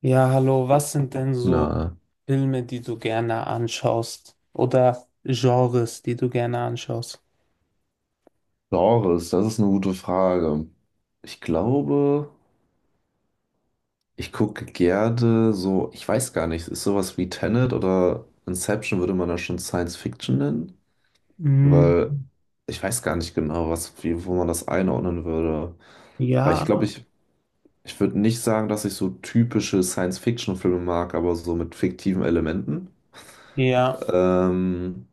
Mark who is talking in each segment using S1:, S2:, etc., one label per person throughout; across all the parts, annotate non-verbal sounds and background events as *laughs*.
S1: Ja, hallo, was sind denn so
S2: Na,
S1: Filme, die du gerne anschaust? Oder Genres, die du gerne anschaust?
S2: Genres, das ist eine gute Frage. Ich glaube, ich gucke gerne so, ich weiß gar nicht, ist sowas wie Tenet oder Inception würde man da schon Science Fiction nennen?
S1: Mm,
S2: Weil ich weiß gar nicht genau, was, wie, wo man das einordnen würde. Weil ich
S1: Ja,
S2: glaube, ich würde nicht sagen, dass ich so typische Science Fiction Filme mag, aber so mit fiktiven Elementen.
S1: ja,
S2: Ähm,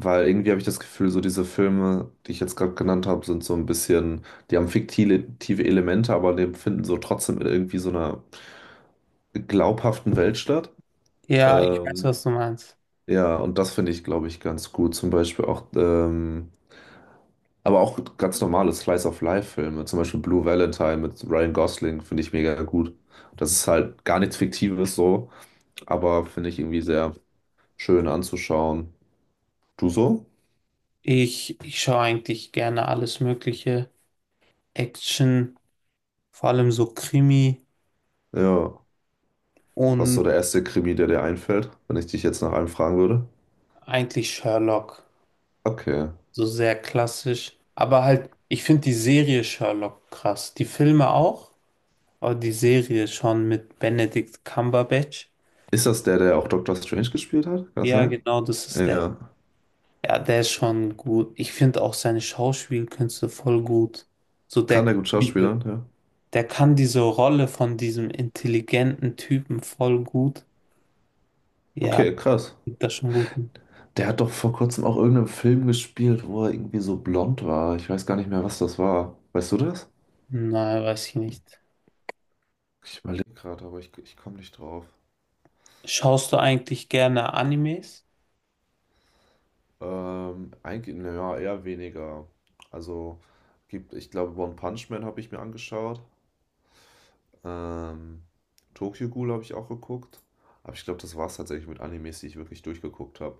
S2: Weil irgendwie habe ich das Gefühl, so diese Filme, die ich jetzt gerade genannt habe, sind so ein bisschen, die haben fiktive Elemente, aber die finden so trotzdem in irgendwie so einer glaubhaften Welt statt.
S1: ja, ich weiß,
S2: Ähm,
S1: was du meinst.
S2: ja, und das finde ich, glaube ich, ganz gut. Zum Beispiel auch, aber auch ganz normale Slice of Life-Filme, zum Beispiel Blue Valentine mit Ryan Gosling, finde ich mega gut. Das ist halt gar nichts Fiktives so, aber finde ich irgendwie sehr schön anzuschauen. Du so?
S1: Ich schaue eigentlich gerne alles Mögliche. Action, vor allem so Krimi
S2: Ja. Was ist
S1: und
S2: so der erste Krimi, der dir einfällt, wenn ich dich jetzt nach einem fragen würde?
S1: eigentlich Sherlock.
S2: Okay.
S1: So sehr klassisch. Aber halt, ich finde die Serie Sherlock krass. Die Filme auch, aber die Serie schon mit Benedict Cumberbatch.
S2: Ist das der, der auch Doctor Strange gespielt hat? Kann das
S1: Ja,
S2: sein?
S1: genau, das ist der.
S2: Ja.
S1: Ja, der ist schon gut. Ich finde auch seine Schauspielkünste voll gut. So der,
S2: Kann der gut schauspielern? Ja.
S1: der kann diese Rolle von diesem intelligenten Typen voll gut. Ja,
S2: Okay, krass.
S1: gibt das schon gut.
S2: Der hat doch vor kurzem auch irgendeinen Film gespielt, wo er irgendwie so blond war. Ich weiß gar nicht mehr, was das war. Weißt du das?
S1: Nein, weiß ich nicht.
S2: Ich überlege gerade, aber ich komme nicht drauf.
S1: Schaust du eigentlich gerne Animes?
S2: Eigentlich, naja, eher weniger. Also, ich glaube, One Punch Man habe ich mir angeschaut. Ähm, Tokyo Ghoul habe ich auch geguckt. Aber ich glaube, das war es tatsächlich mit Animes, die ich wirklich durchgeguckt habe.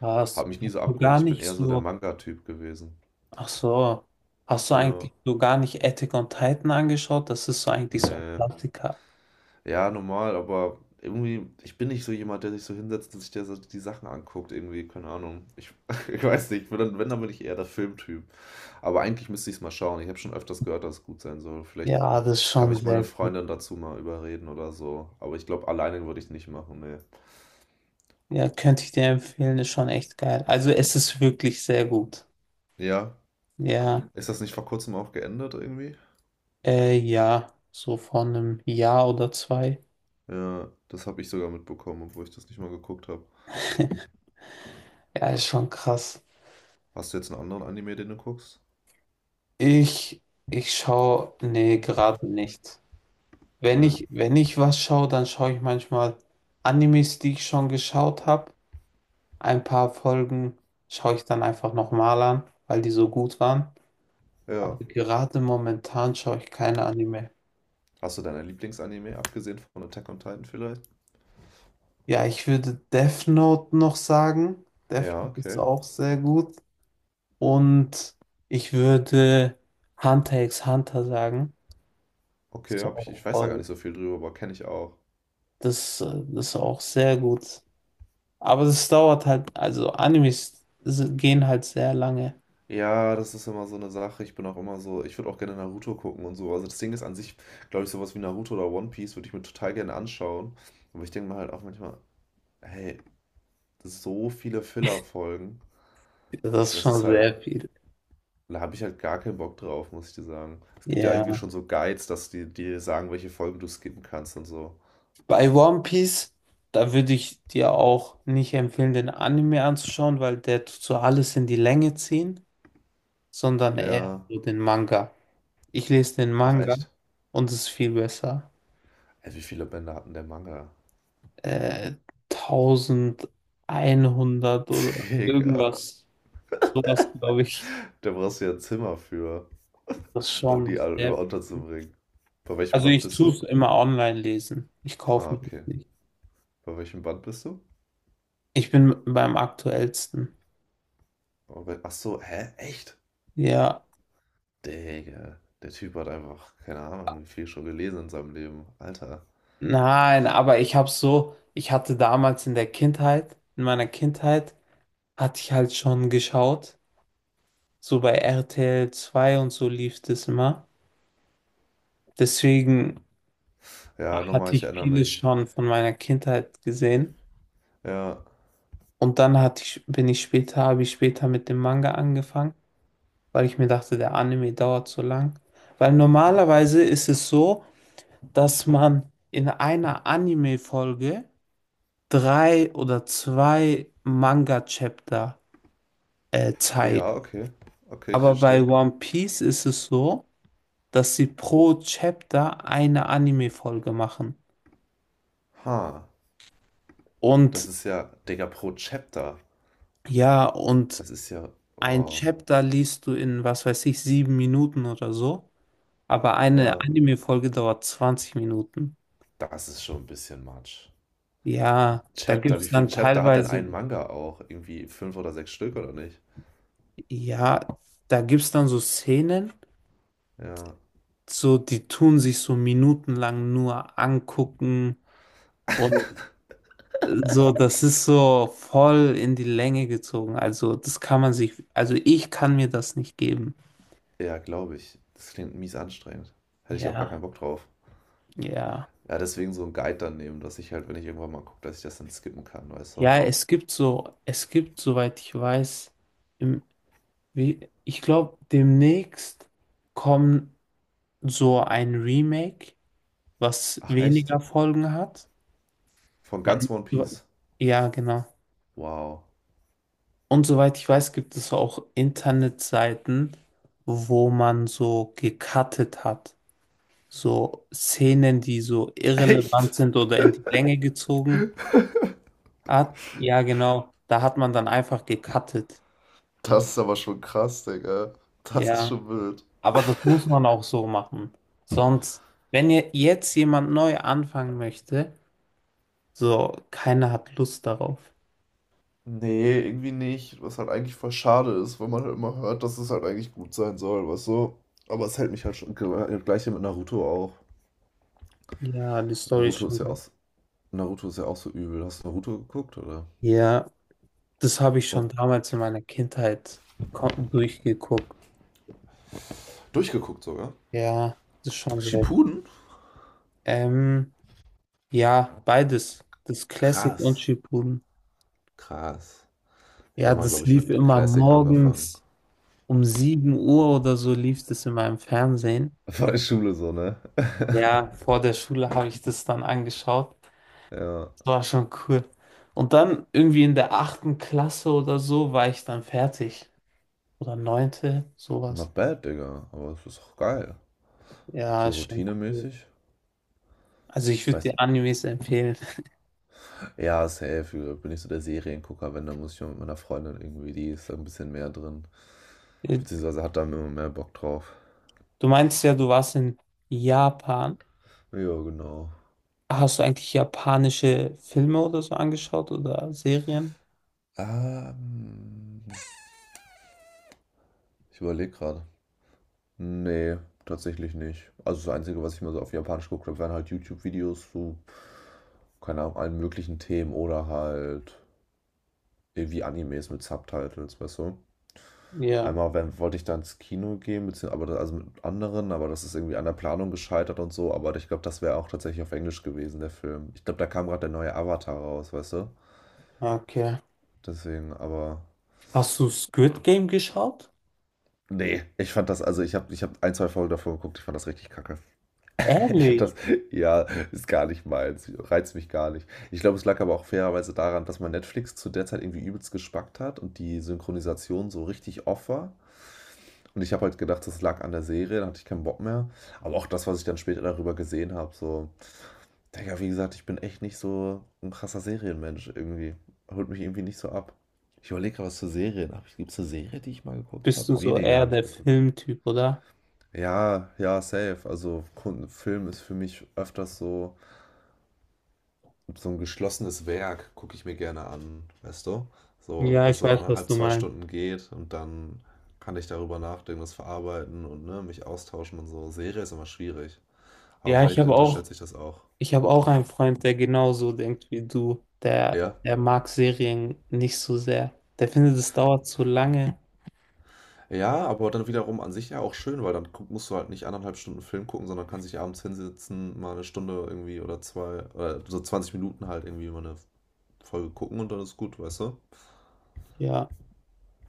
S1: Hast,
S2: Hat mich nie
S1: hast
S2: so
S1: du
S2: abgeholt.
S1: gar
S2: Ich bin
S1: nicht
S2: eher so der
S1: so,
S2: Manga-Typ gewesen.
S1: ach so, hast du
S2: Ja,
S1: eigentlich so gar nicht Attack on Titan angeschaut? Das ist so eigentlich so ein
S2: nee.
S1: Klassiker.
S2: Ja, normal, aber irgendwie, ich bin nicht so jemand, der sich so hinsetzt und sich der, so die Sachen anguckt. Irgendwie, keine Ahnung. Ich, *laughs* ich weiß nicht. Ich bin dann, wenn, dann bin ich eher der Filmtyp. Aber eigentlich müsste ich es mal schauen. Ich habe schon öfters gehört, dass es gut sein soll. Vielleicht
S1: Ja, das ist
S2: kann
S1: schon
S2: mich meine
S1: sehr gut.
S2: Freundin dazu mal überreden oder so. Aber ich glaube, alleine würde ich es nicht machen, nee.
S1: Ja, könnte ich dir empfehlen, ist schon echt geil. Also es ist wirklich sehr gut.
S2: Ja.
S1: Ja,
S2: Ist das nicht vor kurzem auch geändert irgendwie?
S1: ja, so vor einem Jahr oder zwei.
S2: Ja, das habe ich sogar mitbekommen, obwohl ich das nicht mal geguckt habe.
S1: *laughs* Ja, ist schon krass.
S2: Hast du jetzt einen anderen Anime, den du guckst?
S1: Ich, ich schaue, nee, gerade nicht. Wenn
S2: Ne.
S1: ich, wenn ich was schaue, dann schaue ich manchmal Animes, die ich schon geschaut habe. Ein paar Folgen schaue ich dann einfach nochmal an, weil die so gut waren. Aber
S2: Ja.
S1: gerade momentan schaue ich keine Anime.
S2: Hast du deine Lieblingsanime, abgesehen von Attack on Titan vielleicht?
S1: Ja, ich würde Death Note noch sagen. Death
S2: Ja,
S1: Note ist
S2: okay.
S1: auch sehr gut. Und ich würde Hunter x Hunter sagen. Das
S2: Okay,
S1: ist
S2: hab ich, ich
S1: auch
S2: weiß da gar
S1: voll,
S2: nicht so viel drüber, aber kenne ich auch.
S1: das ist auch sehr gut. Aber das dauert halt, also Animes gehen halt sehr lange.
S2: Ja, das ist immer so eine Sache. Ich bin auch immer so, ich würde auch gerne Naruto gucken und so. Also das Ding ist an sich, glaube ich, sowas wie Naruto oder One Piece würde ich mir total gerne anschauen. Aber ich denke mir halt auch manchmal, hey, so viele Filler-Folgen.
S1: Das ist
S2: Das ist
S1: schon
S2: halt,
S1: sehr viel.
S2: da habe ich halt gar keinen Bock drauf, muss ich dir sagen. Es gibt ja irgendwie
S1: Ja.
S2: schon so Guides, dass die dir sagen, welche Folgen du skippen kannst und so.
S1: Bei One Piece, da würde ich dir auch nicht empfehlen, den Anime anzuschauen, weil der tut so alles in die Länge ziehen, sondern eher
S2: Ja.
S1: so den Manga. Ich lese den
S2: Ach
S1: Manga
S2: echt?
S1: und es ist viel besser.
S2: Ey, wie viele Bände hat denn der Manga?
S1: äh, 1100 oder
S2: *laughs* Digga.
S1: irgendwas. Sowas glaube ich.
S2: Da brauchst du ja ein Zimmer für,
S1: Das ist
S2: um
S1: schon
S2: die alle über
S1: sehr.
S2: unterzubringen. Bei welchem
S1: Also
S2: Band
S1: ich
S2: bist
S1: tue
S2: du?
S1: es immer online lesen. Ich
S2: Ah,
S1: kaufe mir das
S2: okay.
S1: nicht.
S2: Bei welchem Band bist du?
S1: Ich bin beim aktuellsten.
S2: Oh, bei- Ach so, hä? Echt?
S1: Ja.
S2: Digga. Der Typ hat einfach, keine Ahnung, wie viel schon gelesen in seinem Leben. Alter.
S1: Nein, aber ich habe so, ich hatte damals in der Kindheit, in meiner Kindheit, hatte ich halt schon geschaut. So bei RTL 2 und so lief das immer. Deswegen
S2: Ja, nochmal,
S1: hatte
S2: ich
S1: ich
S2: erinnere
S1: vieles
S2: mich.
S1: schon von meiner Kindheit gesehen.
S2: Ja.
S1: Und dann hatte ich, bin ich später, habe ich später mit dem Manga angefangen, weil ich mir dachte, der Anime dauert so lang. Weil normalerweise ist es so, dass man in einer Anime-Folge drei oder zwei Manga-Chapter zeigt.
S2: Ja, okay. Okay, ich
S1: Aber bei
S2: verstehe.
S1: One Piece ist es so, dass sie pro Chapter eine Anime-Folge machen.
S2: Ha. Das
S1: Und
S2: ist ja, Digga, pro Chapter.
S1: ja, und
S2: Das ist ja,
S1: ein
S2: wow.
S1: Chapter liest du in, was weiß ich, 7 Minuten oder so. Aber eine
S2: Ja,
S1: Anime-Folge dauert 20 Minuten.
S2: das ist schon ein bisschen much.
S1: Ja, da gibt
S2: Chapter, wie
S1: es
S2: viel
S1: dann
S2: Chapter hat denn
S1: teilweise,
S2: ein Manga auch? Irgendwie fünf oder sechs Stück oder nicht?
S1: ja, da gibt es dann so Szenen,
S2: Ja,
S1: so die tun sich so minutenlang nur angucken und so, das ist so voll in die Länge gezogen. Also, das kann man sich, also ich kann mir das nicht geben.
S2: ja, glaube ich. Das klingt mies anstrengend. Hätte ich auch gar
S1: Ja,
S2: keinen Bock drauf.
S1: ja.
S2: Ja, deswegen so einen Guide dann nehmen, dass ich halt, wenn ich irgendwann mal gucke, dass ich das dann skippen kann, weißt du?
S1: Ja, es gibt so, es gibt, soweit ich weiß, im, wie, ich glaube, demnächst kommen. So ein Remake, was
S2: Ach, echt?
S1: weniger Folgen hat.
S2: Von
S1: Man,
S2: ganz One Piece.
S1: ja, genau.
S2: Wow.
S1: Und soweit ich weiß, gibt es auch Internetseiten, wo man so gecuttet hat. So Szenen, die so
S2: *laughs*
S1: irrelevant
S2: Echt?
S1: sind oder in die Länge gezogen hat. Ja, genau. Da hat man dann einfach gecuttet.
S2: Das ist aber schon krass, Digga. Das ist
S1: Ja.
S2: schon wild.
S1: Aber das muss man auch so machen. Sonst, wenn ihr jetzt jemand neu anfangen möchte, so keiner hat Lust darauf.
S2: Nee, irgendwie nicht, was halt eigentlich voll schade ist, weil man halt immer hört, dass es halt eigentlich gut sein soll, weißt du? Aber es hält mich halt schon, gleiche mit Naruto auch.
S1: Ja, die Story ist
S2: Naruto
S1: schon
S2: ist ja auch,
S1: geil.
S2: Naruto ist ja auch so übel. Hast du Naruto geguckt, oder?
S1: Ja, das habe ich schon
S2: Oh,
S1: damals in meiner Kindheit durchgeguckt.
S2: durchgeguckt sogar.
S1: Ja, das ist schon sehr.
S2: Shippuden?
S1: Ähm, ja, beides. Das Classic und
S2: Krass,
S1: Shippuden.
S2: krass. Ich
S1: Ja,
S2: habe mal,
S1: das
S2: glaube ich,
S1: lief
S2: mit
S1: immer
S2: Classic angefangen.
S1: morgens um 7 Uhr oder so lief das in meinem Fernsehen.
S2: *laughs* War in Schule so, ne? *laughs*
S1: Ja, vor der Schule habe ich das dann angeschaut.
S2: Ja,
S1: Das war schon cool. Und dann irgendwie in der 8. Klasse oder so war ich dann fertig. Oder neunte, sowas.
S2: not bad, Digga, aber es ist auch geil.
S1: Ja,
S2: So
S1: ist schon cool.
S2: routinemäßig.
S1: Also ich
S2: Ich
S1: würde
S2: weiß,
S1: dir Animes empfehlen.
S2: ja, safe. Ich bin nicht so der Seriengucker, wenn, dann muss ich mal mit meiner Freundin irgendwie, die ist da ein bisschen mehr drin.
S1: Äh,
S2: Beziehungsweise hat da immer mehr Bock drauf.
S1: Du meinst ja, du warst in Japan.
S2: Ja, genau.
S1: Hast du eigentlich japanische Filme oder so angeschaut oder Serien?
S2: Ähm, Ich überlege gerade. Nee, tatsächlich nicht. Also das Einzige, was ich mal so auf Japanisch geguckt habe, wären halt YouTube-Videos zu, keine Ahnung, allen möglichen Themen oder halt irgendwie Animes mit Subtitles, weißt du?
S1: Ja,
S2: Einmal wenn, wollte ich da ins Kino gehen, bezieh aber da also mit anderen, aber das ist irgendwie an der Planung gescheitert und so. Aber ich glaube, das wäre auch tatsächlich auf Englisch gewesen, der Film. Ich glaube, da kam gerade der neue Avatar raus, weißt du?
S1: okay.
S2: Deswegen, aber.
S1: Hast du Squid Game geschaut?
S2: Nee, ich fand das, also ich hab ein, zwei Folgen davon geguckt, ich fand das richtig kacke. *laughs* Ich finde
S1: Ehrlich?
S2: das, ja, ist gar nicht meins, reizt mich gar nicht. Ich glaube, es lag aber auch fairerweise daran, dass man Netflix zu der Zeit irgendwie übelst gespackt hat und die Synchronisation so richtig off war. Und ich habe halt gedacht, das lag an der Serie, da hatte ich keinen Bock mehr. Aber auch das, was ich dann später darüber gesehen habe, so, Digga, wie gesagt, ich bin echt nicht so ein krasser Serienmensch irgendwie. Holt mich irgendwie nicht so ab. Ich überlege gerade, was für Serien habe ich. Gibt es eine Serie, die ich mal geguckt habe?
S1: Bist du so
S2: Weniger
S1: eher
S2: habe ich
S1: der
S2: geguckt.
S1: Filmtyp, oder?
S2: Ja, ja, safe. Also Film ist für mich öfters so so ein geschlossenes Werk gucke ich mir gerne an, weißt du? So,
S1: Ja,
S2: das
S1: ich
S2: so
S1: weiß, was
S2: anderthalb,
S1: du
S2: zwei
S1: meinst.
S2: Stunden geht und dann kann ich darüber nachdenken, das verarbeiten und ne, mich austauschen und so. Serie ist immer schwierig. Aber
S1: Ja, ich
S2: vielleicht
S1: habe auch,
S2: unterschätze ich das auch.
S1: ich habe auch einen Freund, der genauso denkt wie du. Der,
S2: Ja.
S1: der mag Serien nicht so sehr. Der findet, es dauert zu lange.
S2: Ja, aber dann wiederum an sich ja auch schön, weil dann guck, musst du halt nicht anderthalb Stunden Film gucken, sondern kannst dich abends hinsetzen, mal eine Stunde irgendwie oder zwei, oder so 20 Minuten halt irgendwie mal eine Folge gucken und dann ist gut, weißt du?
S1: Ja.